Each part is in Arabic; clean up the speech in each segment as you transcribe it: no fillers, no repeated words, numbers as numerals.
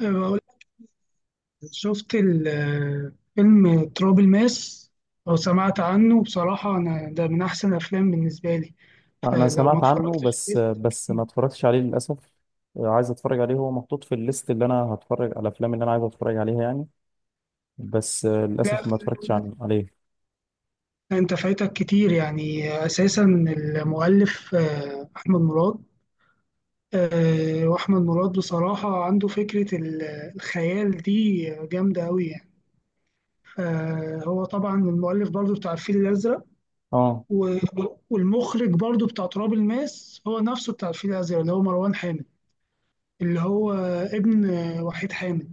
بقول شفت فيلم تراب الماس لو سمعت عنه، بصراحة أنا ده من أحسن الأفلام بالنسبة لي، انا فلو ما سمعت عنه اتفرجتش عليه بس فايتك بس كتير. ما اتفرجتش عليه للاسف. عايز اتفرج عليه، هو محطوط في الليست اللي انا هتفرج على الافلام اللي انا عايز اتفرج عليها يعني. بس لا، للاسف ما اتفرجتش عليه. أنت فايتك كتير يعني أساسا. المؤلف أحمد مراد. وأحمد مراد بصراحة عنده فكرة الخيال دي جامدة أوي يعني. فهو طبعا المؤلف برضو بتاع الفيل الأزرق. اه و- والمخرج برضو بتاع تراب الماس هو نفسه بتاع الفيل الأزرق، اللي هو مروان حامد، اللي هو ابن وحيد حامد،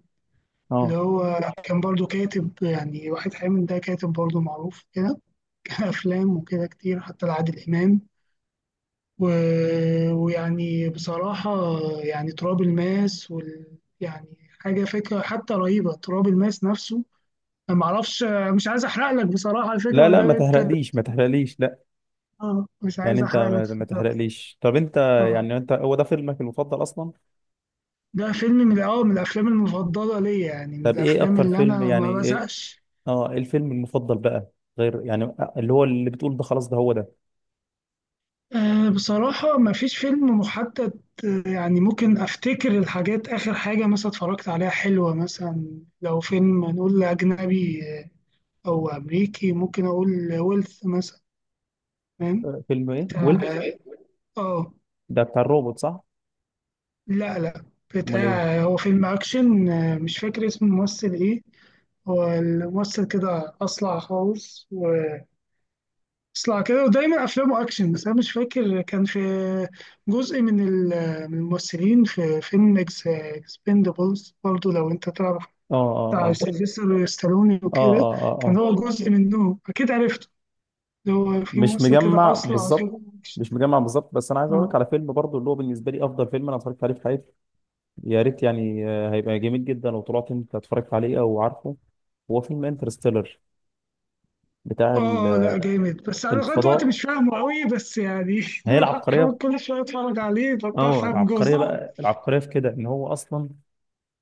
اللي اه، هو كان برضو كاتب. يعني وحيد حامد ده كاتب برضو معروف كده، كان أفلام وكده كتير حتى لعادل إمام. و... ويعني بصراحة يعني تراب الماس يعني حاجة فكرة حتى رهيبة تراب الماس نفسه. أنا معرفش، مش عايز أحرق لك بصراحة الفكرة لا ما لا، دام ما أنت تحرقليش ما تحرقليش، لا. آه، مش يعني عايز انت أحرق لك ما الفكرة بس. تحرقليش، طب انت. آه. يعني انت، هو ده فيلمك المفضل اصلا؟ ده فيلم من من الافلام المفضله ليا، يعني من طب ايه الافلام اكتر اللي فيلم، انا يعني ما ايه؟ بزهقش. اه، إيه الفيلم المفضل بقى؟ غير يعني اللي هو اللي بتقول ده، خلاص ده هو ده. أه، بصراحة ما فيش فيلم محدد. يعني ممكن أفتكر الحاجات، آخر حاجة مثلا اتفرجت عليها حلوة، مثلا لو فيلم نقول أجنبي أو أمريكي، ممكن أقول ويلث مثلا. فاهم؟ فيلم ايه ويلت؟ بتاع، آه. ده بتاع الروبوت صح؟ لا، لا، امال ايه؟ بتاع، هو فيلم أكشن. مش فاكر اسم الممثل إيه. هو الممثل كده أصلع خالص، اصلع كده، ودايما افلامه اكشن، بس انا مش فاكر. كان في جزء من من الممثلين في فيلم اكس اكسبندبلز برضو، لو انت تعرف، اه بتاع اه سيلفستر ستالوني اه وكده. اه، اه اه، كان آه. هو جزء منهم، اكيد عرفته، اللي هو في مش ممثل كده مجمع اصلع بالظبط. كده. مش مجمع بالظبط، بس انا عايز اقول لك اه، على فيلم برضو، اللي هو بالنسبه لي افضل فيلم انا اتفرجت عليه في حياتي. يا ريت يعني هيبقى جميل جدا لو طلعت انت اتفرجت عليه او عارفه. هو فيلم انترستيلر، بتاع اه. لا جامد، بس انا لغايه دلوقتي الفضاء. مش فاهمه قوي، بس يعني هي حاول العبقريه. كل شويه اتفرج عليه اه، فبفهم العبقريه جزء. بقى، العبقريه في كده ان هو اصلا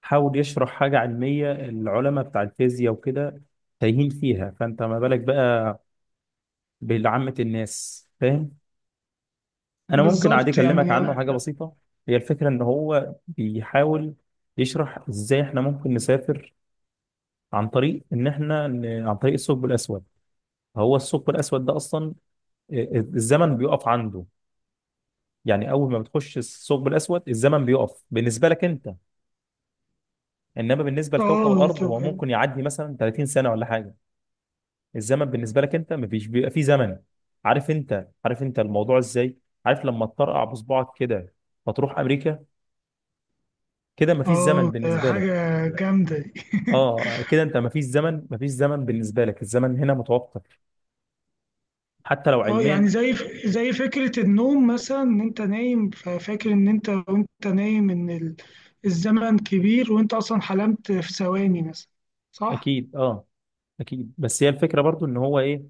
حاول يشرح حاجه علميه، العلماء بتاع الفيزياء وكده تايهين فيها، فانت ما بالك بقى بعامه الناس فاهم. انا ممكن عادي بالظبط اكلمك يعني. عنه حاجه بسيطه. هي الفكره ان هو بيحاول يشرح ازاي احنا ممكن نسافر عن طريق ان احنا ن- عن طريق الثقب الاسود. هو الثقب الاسود ده اصلا الزمن بيقف عنده. يعني اول ما بتخش الثقب الاسود الزمن بيقف بالنسبه لك انت، انما بالنسبه لكوكب اه الارض طب. هو ممكن يعدي مثلا 30 سنه ولا حاجه. الزمن بالنسبه لك انت مفيش، بيبقى فيه زمن. عارف انت الموضوع ازاي؟ عارف لما تطرقع بصبعك كده فتروح امريكا، كده مفيش اه، زمن ده بالنسبه حاجه لك. جامده دي. اه، كده انت مفيش زمن، بالنسبه لك الزمن هنا متوفر، حتى لو اه يعني علميا. زي فكرة النوم مثلا، ان انت نايم ففاكر ان انت وانت نايم ان الزمن كبير وانت اصلا حلمت في ثواني مثلا، صح؟ اكيد اه اكيد، بس هي الفكره برضو ان هو ايه،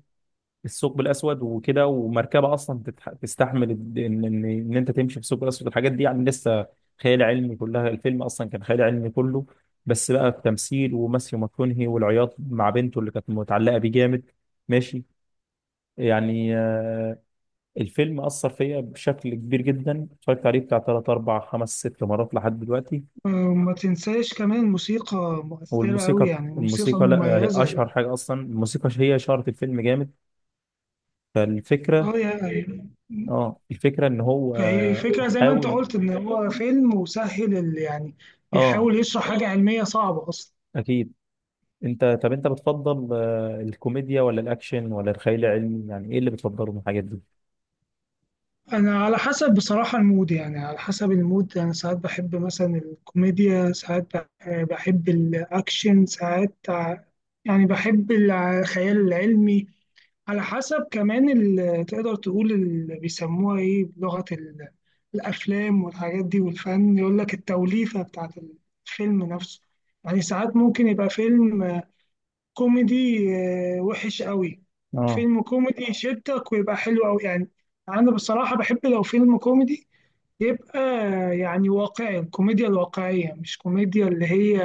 الثقب الاسود وكده ومركبه اصلا تستحمل ان ان ان إن انت تمشي في الثقب الاسود. الحاجات دي يعني لسه خيال علمي كلها، الفيلم اصلا كان خيال علمي كله، بس بقى التمثيل وماثيو ماكونهي والعياط مع بنته اللي كانت متعلقه بيه جامد. ماشي، يعني الفيلم أثر فيا بشكل كبير جدا، اتفرجت عليه بتاع تلات أربع خمس ست مرات لحد دلوقتي. وما تنساش كمان موسيقى مؤثرة أوي، والموسيقى، يعني موسيقى الموسيقى لا، هي اشهر مميزة. حاجه اصلا، الموسيقى هي شهرة الفيلم جامد. فالفكره، اه يعني. اه الفكره ان هو فهي فكرة زي ما انت حاول. قلت، ان هو فيلم وسهل يعني اه بيحاول يشرح حاجة علمية صعبة أصلا. اكيد. انت طب انت بتفضل الكوميديا ولا الاكشن ولا الخيال العلمي؟ يعني ايه اللي بتفضله من الحاجات دي؟ انا على حسب بصراحة المود، يعني على حسب المود انا ساعات بحب مثلا الكوميديا، ساعات بحب الاكشن، ساعات يعني بحب الخيال العلمي. على حسب كمان تقدر تقول اللي بيسموها ايه بلغة الافلام والحاجات دي والفن، يقول لك التوليفة بتاعت الفيلم نفسه. يعني ساعات ممكن يبقى فيلم كوميدي وحش قوي. اه فيلم كوميدي يشدك ويبقى حلو قوي يعني. انا بصراحة بحب لو فيلم كوميدي يبقى يعني واقعي، الكوميديا الواقعية، مش كوميديا اللي هي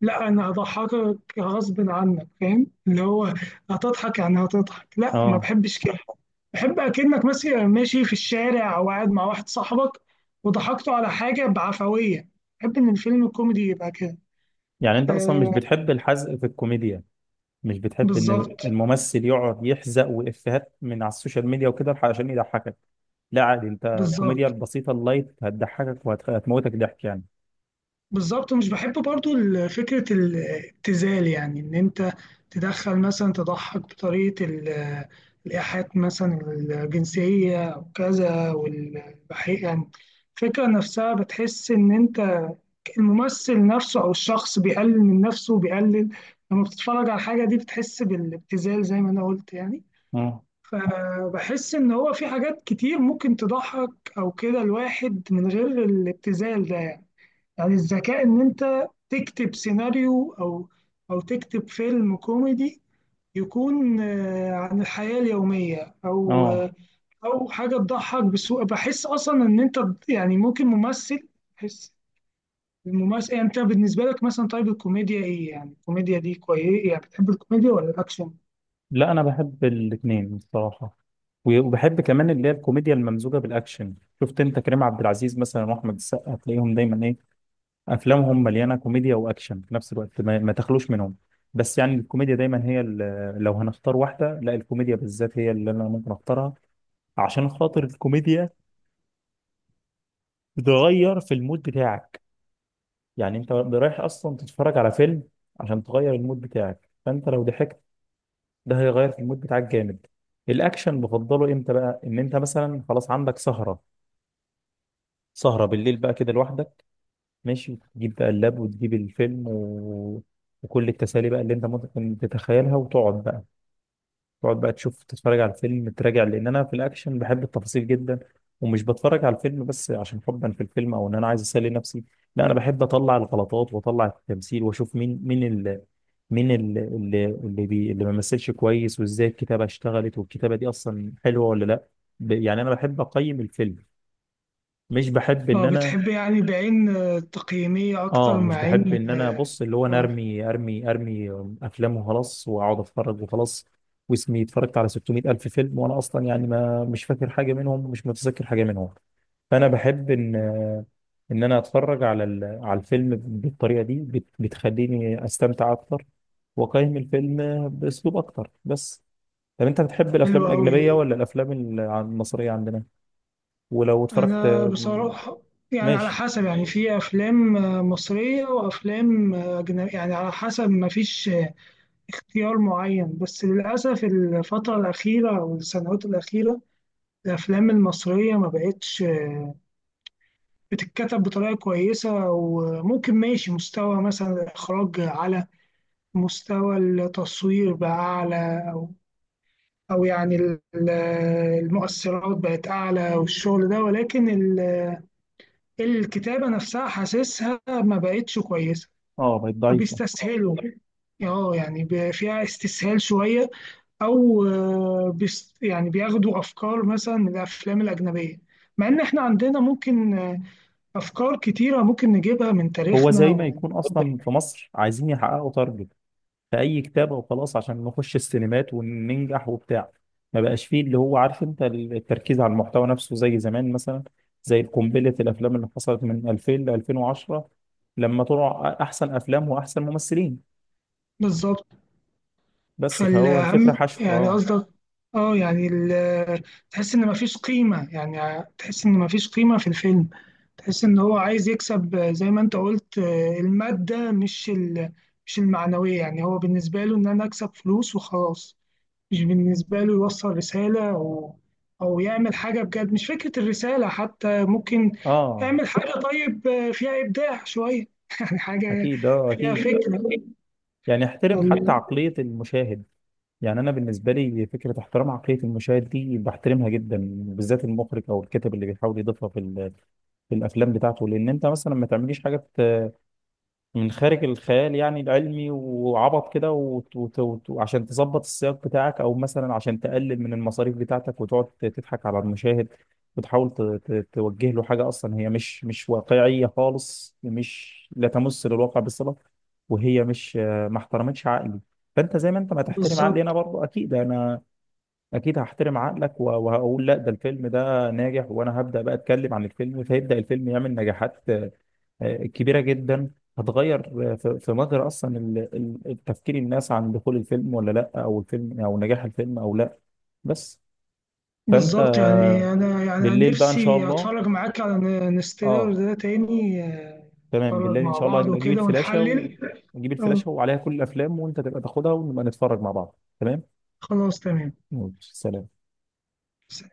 لا انا هضحكك غصب عنك، فاهم اللي هو هتضحك يعني هتضحك، لا ما اه، بحبش كده. بحب اكنك مثلا ماشي في الشارع او قاعد مع واحد صاحبك وضحكته على حاجة بعفوية، بحب ان الفيلم الكوميدي يبقى كده. يعني انت اصلا مش آه. بتحب الحزق في الكوميديا؟ مش بتحب بالظبط. ان الممثل يقعد يحزق، وافيهات من على السوشيال ميديا وكده عشان يضحكك؟ لا عادي، انت الكوميديا بالظبط. البسيطه اللايت هتضحكك وهتموتك ضحك يعني. بالظبط، ومش بحب برضو فكرة الابتذال، يعني إن أنت تدخل مثلا تضحك بطريقة الإيحاءات مثلا الجنسية أو كذا والبحيئة يعني. الفكرة نفسها بتحس إن أنت الممثل نفسه أو الشخص بيقلل من نفسه وبيقلل، لما بتتفرج على الحاجة دي بتحس بالابتذال زي ما أنا قلت يعني. اه فبحس إن هو في حاجات كتير ممكن تضحك أو كده الواحد من غير الابتذال ده. يعني الذكاء إن أنت تكتب سيناريو أو تكتب فيلم كوميدي يكون عن الحياة اليومية أو اه، أو حاجة تضحك بسوء. بحس أصلا إن أنت يعني ممكن ممثل، بحس الممثل يعني. أنت بالنسبة لك مثلا، طيب الكوميديا إيه يعني الكوميديا دي كويس، يعني بتحب الكوميديا ولا الأكشن؟ لا انا بحب الاثنين الصراحه، وبحب كمان اللي هي الكوميديا الممزوجه بالاكشن. شفت انت كريم عبد العزيز مثلا واحمد السقا، تلاقيهم دايما ايه، افلامهم مليانه كوميديا واكشن في نفس الوقت، ما تخلوش منهم. بس يعني الكوميديا دايما هي لو هنختار واحده، لا الكوميديا بالذات هي اللي انا ممكن اختارها، عشان خاطر الكوميديا بتغير في المود بتاعك. يعني انت رايح اصلا تتفرج على فيلم عشان تغير المود بتاعك، فانت لو ضحكت ده هيغير في المود بتاعك جامد. الاكشن بفضله امتى بقى، ان انت مثلا خلاص عندك سهره، سهره بالليل بقى كده لوحدك، ماشي، تجيب بقى اللاب وتجيب الفيلم و... وكل التسالي بقى اللي انت ممكن تتخيلها، وتقعد بقى تقعد بقى تشوف تتفرج على الفيلم، تراجع، لان انا في الاكشن بحب التفاصيل جدا. ومش بتفرج على الفيلم بس عشان حبا في الفيلم او ان انا عايز اسلي نفسي، لا انا بحب اطلع الغلطات واطلع التمثيل واشوف مين اللي ما مثلش كويس، وازاي الكتابه اشتغلت، والكتابه دي اصلا حلوه ولا لا. يعني انا بحب اقيم الفيلم، مش بحب ان اه. انا بتحب يعني بعين تقييمية اه أكتر مع مش بحب عين ان انا آه،. بص، اللي هو انا آه،. ارمي افلام وخلاص واقعد اتفرج وخلاص، واسمي اتفرجت على 600 الف فيلم وانا اصلا يعني ما مش فاكر حاجه منهم ومش متذكر حاجه منهم. فانا بحب ان انا اتفرج على على الفيلم بالطريقه دي بتخليني استمتع اكتر، واقيم الفيلم باسلوب اكتر بس. طب انت بتحب الافلام حلوة الاجنبيه أوي. ولا الافلام المصريه عندنا؟ ولو اتفرجت، انا بصراحه يعني على ماشي. حسب، يعني في افلام مصريه وافلام اجنبيه، يعني على حسب، ما فيش اختيار معين. بس للاسف الفتره الاخيره او السنوات الاخيره الافلام المصريه ما بقتش بتتكتب بطريقه كويسه. وممكن ماشي مستوى مثلا الاخراج، على مستوى التصوير بقى اعلى، او يعني المؤثرات بقت اعلى والشغل ده، ولكن الكتابة نفسها حاسسها ما بقتش كويسة. اه بقت ضعيفه. بيستسهلوا. اه يعني فيها استسهال شوية، أو بيس يعني بياخدوا أفكار مثلا من الأفلام الأجنبية، مع إن إحنا عندنا ممكن أفكار كتيرة ممكن نجيبها من هو تاريخنا زي ما ومن. يكون اصلا في مصر عايزين يحققوا تارجت في اي كتاب او خلاص، عشان نخش السينمات وننجح وبتاع، ما بقاش فيه اللي هو عارف انت، التركيز على المحتوى نفسه زي زمان مثلا، زي قنبله الافلام اللي حصلت من 2000 ل 2010 لما طلع احسن افلام واحسن ممثلين، بالظبط. بس، فهو الفكره فالأهم حشو يعني اه. قصدك. اه يعني تحس إن مفيش قيمة، يعني تحس إن مفيش قيمة في الفيلم. تحس ان هو عايز يكسب زي ما انت قلت المادة، مش مش المعنوية. يعني هو بالنسبة له ان انا اكسب فلوس وخلاص، مش بالنسبة له يوصل رسالة او يعمل حاجة بجد. مش فكرة الرسالة حتى، ممكن اه يعمل حاجة طيب فيها ابداع شوية يعني حاجة اكيد، اه فيها اكيد. فكرة. يعني احترم حتى عقليه المشاهد. يعني انا بالنسبه لي فكره احترام عقليه المشاهد دي بحترمها جدا، بالذات المخرج او الكاتب اللي بيحاول يضيفها في الافلام بتاعته. لان انت مثلا ما تعمليش حاجه من خارج الخيال يعني العلمي وعبط كده وعشان تظبط السياق بتاعك، او مثلا عشان تقلل من المصاريف بتاعتك وتقعد تضحك على المشاهد. وتحاول توجه له حاجة اصلا هي مش واقعية خالص، مش لا تمس للواقع بالصلة، وهي مش، ما احترمتش عقلي. فانت زي ما انت ما تحترم عقلي انا بالظبط. برضه، اكيد انا اكيد هحترم عقلك، وهقول لا ده الفيلم ده ناجح، وانا هبدأ بقى اتكلم عن الفيلم، فيبدأ الفيلم يعمل نجاحات كبيرة جدا. هتغير في مجرى أصلا التفكير الناس عن دخول الفيلم ولا لأ، أو الفيلم أو نجاح الفيلم أو لأ، بس. فأنت بالظبط، يعني انا يعني أنا بالليل بقى إن شاء نفسي الله. اتفرج معاك على انستيلر أه، ده تاني آه،. تمام نتفرج بالليل إن مع شاء الله، بعض أجيب وكده الفلاشة ونحلل. و... أجيب اه الفلاشة وعليها كل الأفلام، وأنت تبقى تاخدها ونبقى نتفرج مع بعض، تمام؟ خلاص، تمام. ماشي، سلام. سلام.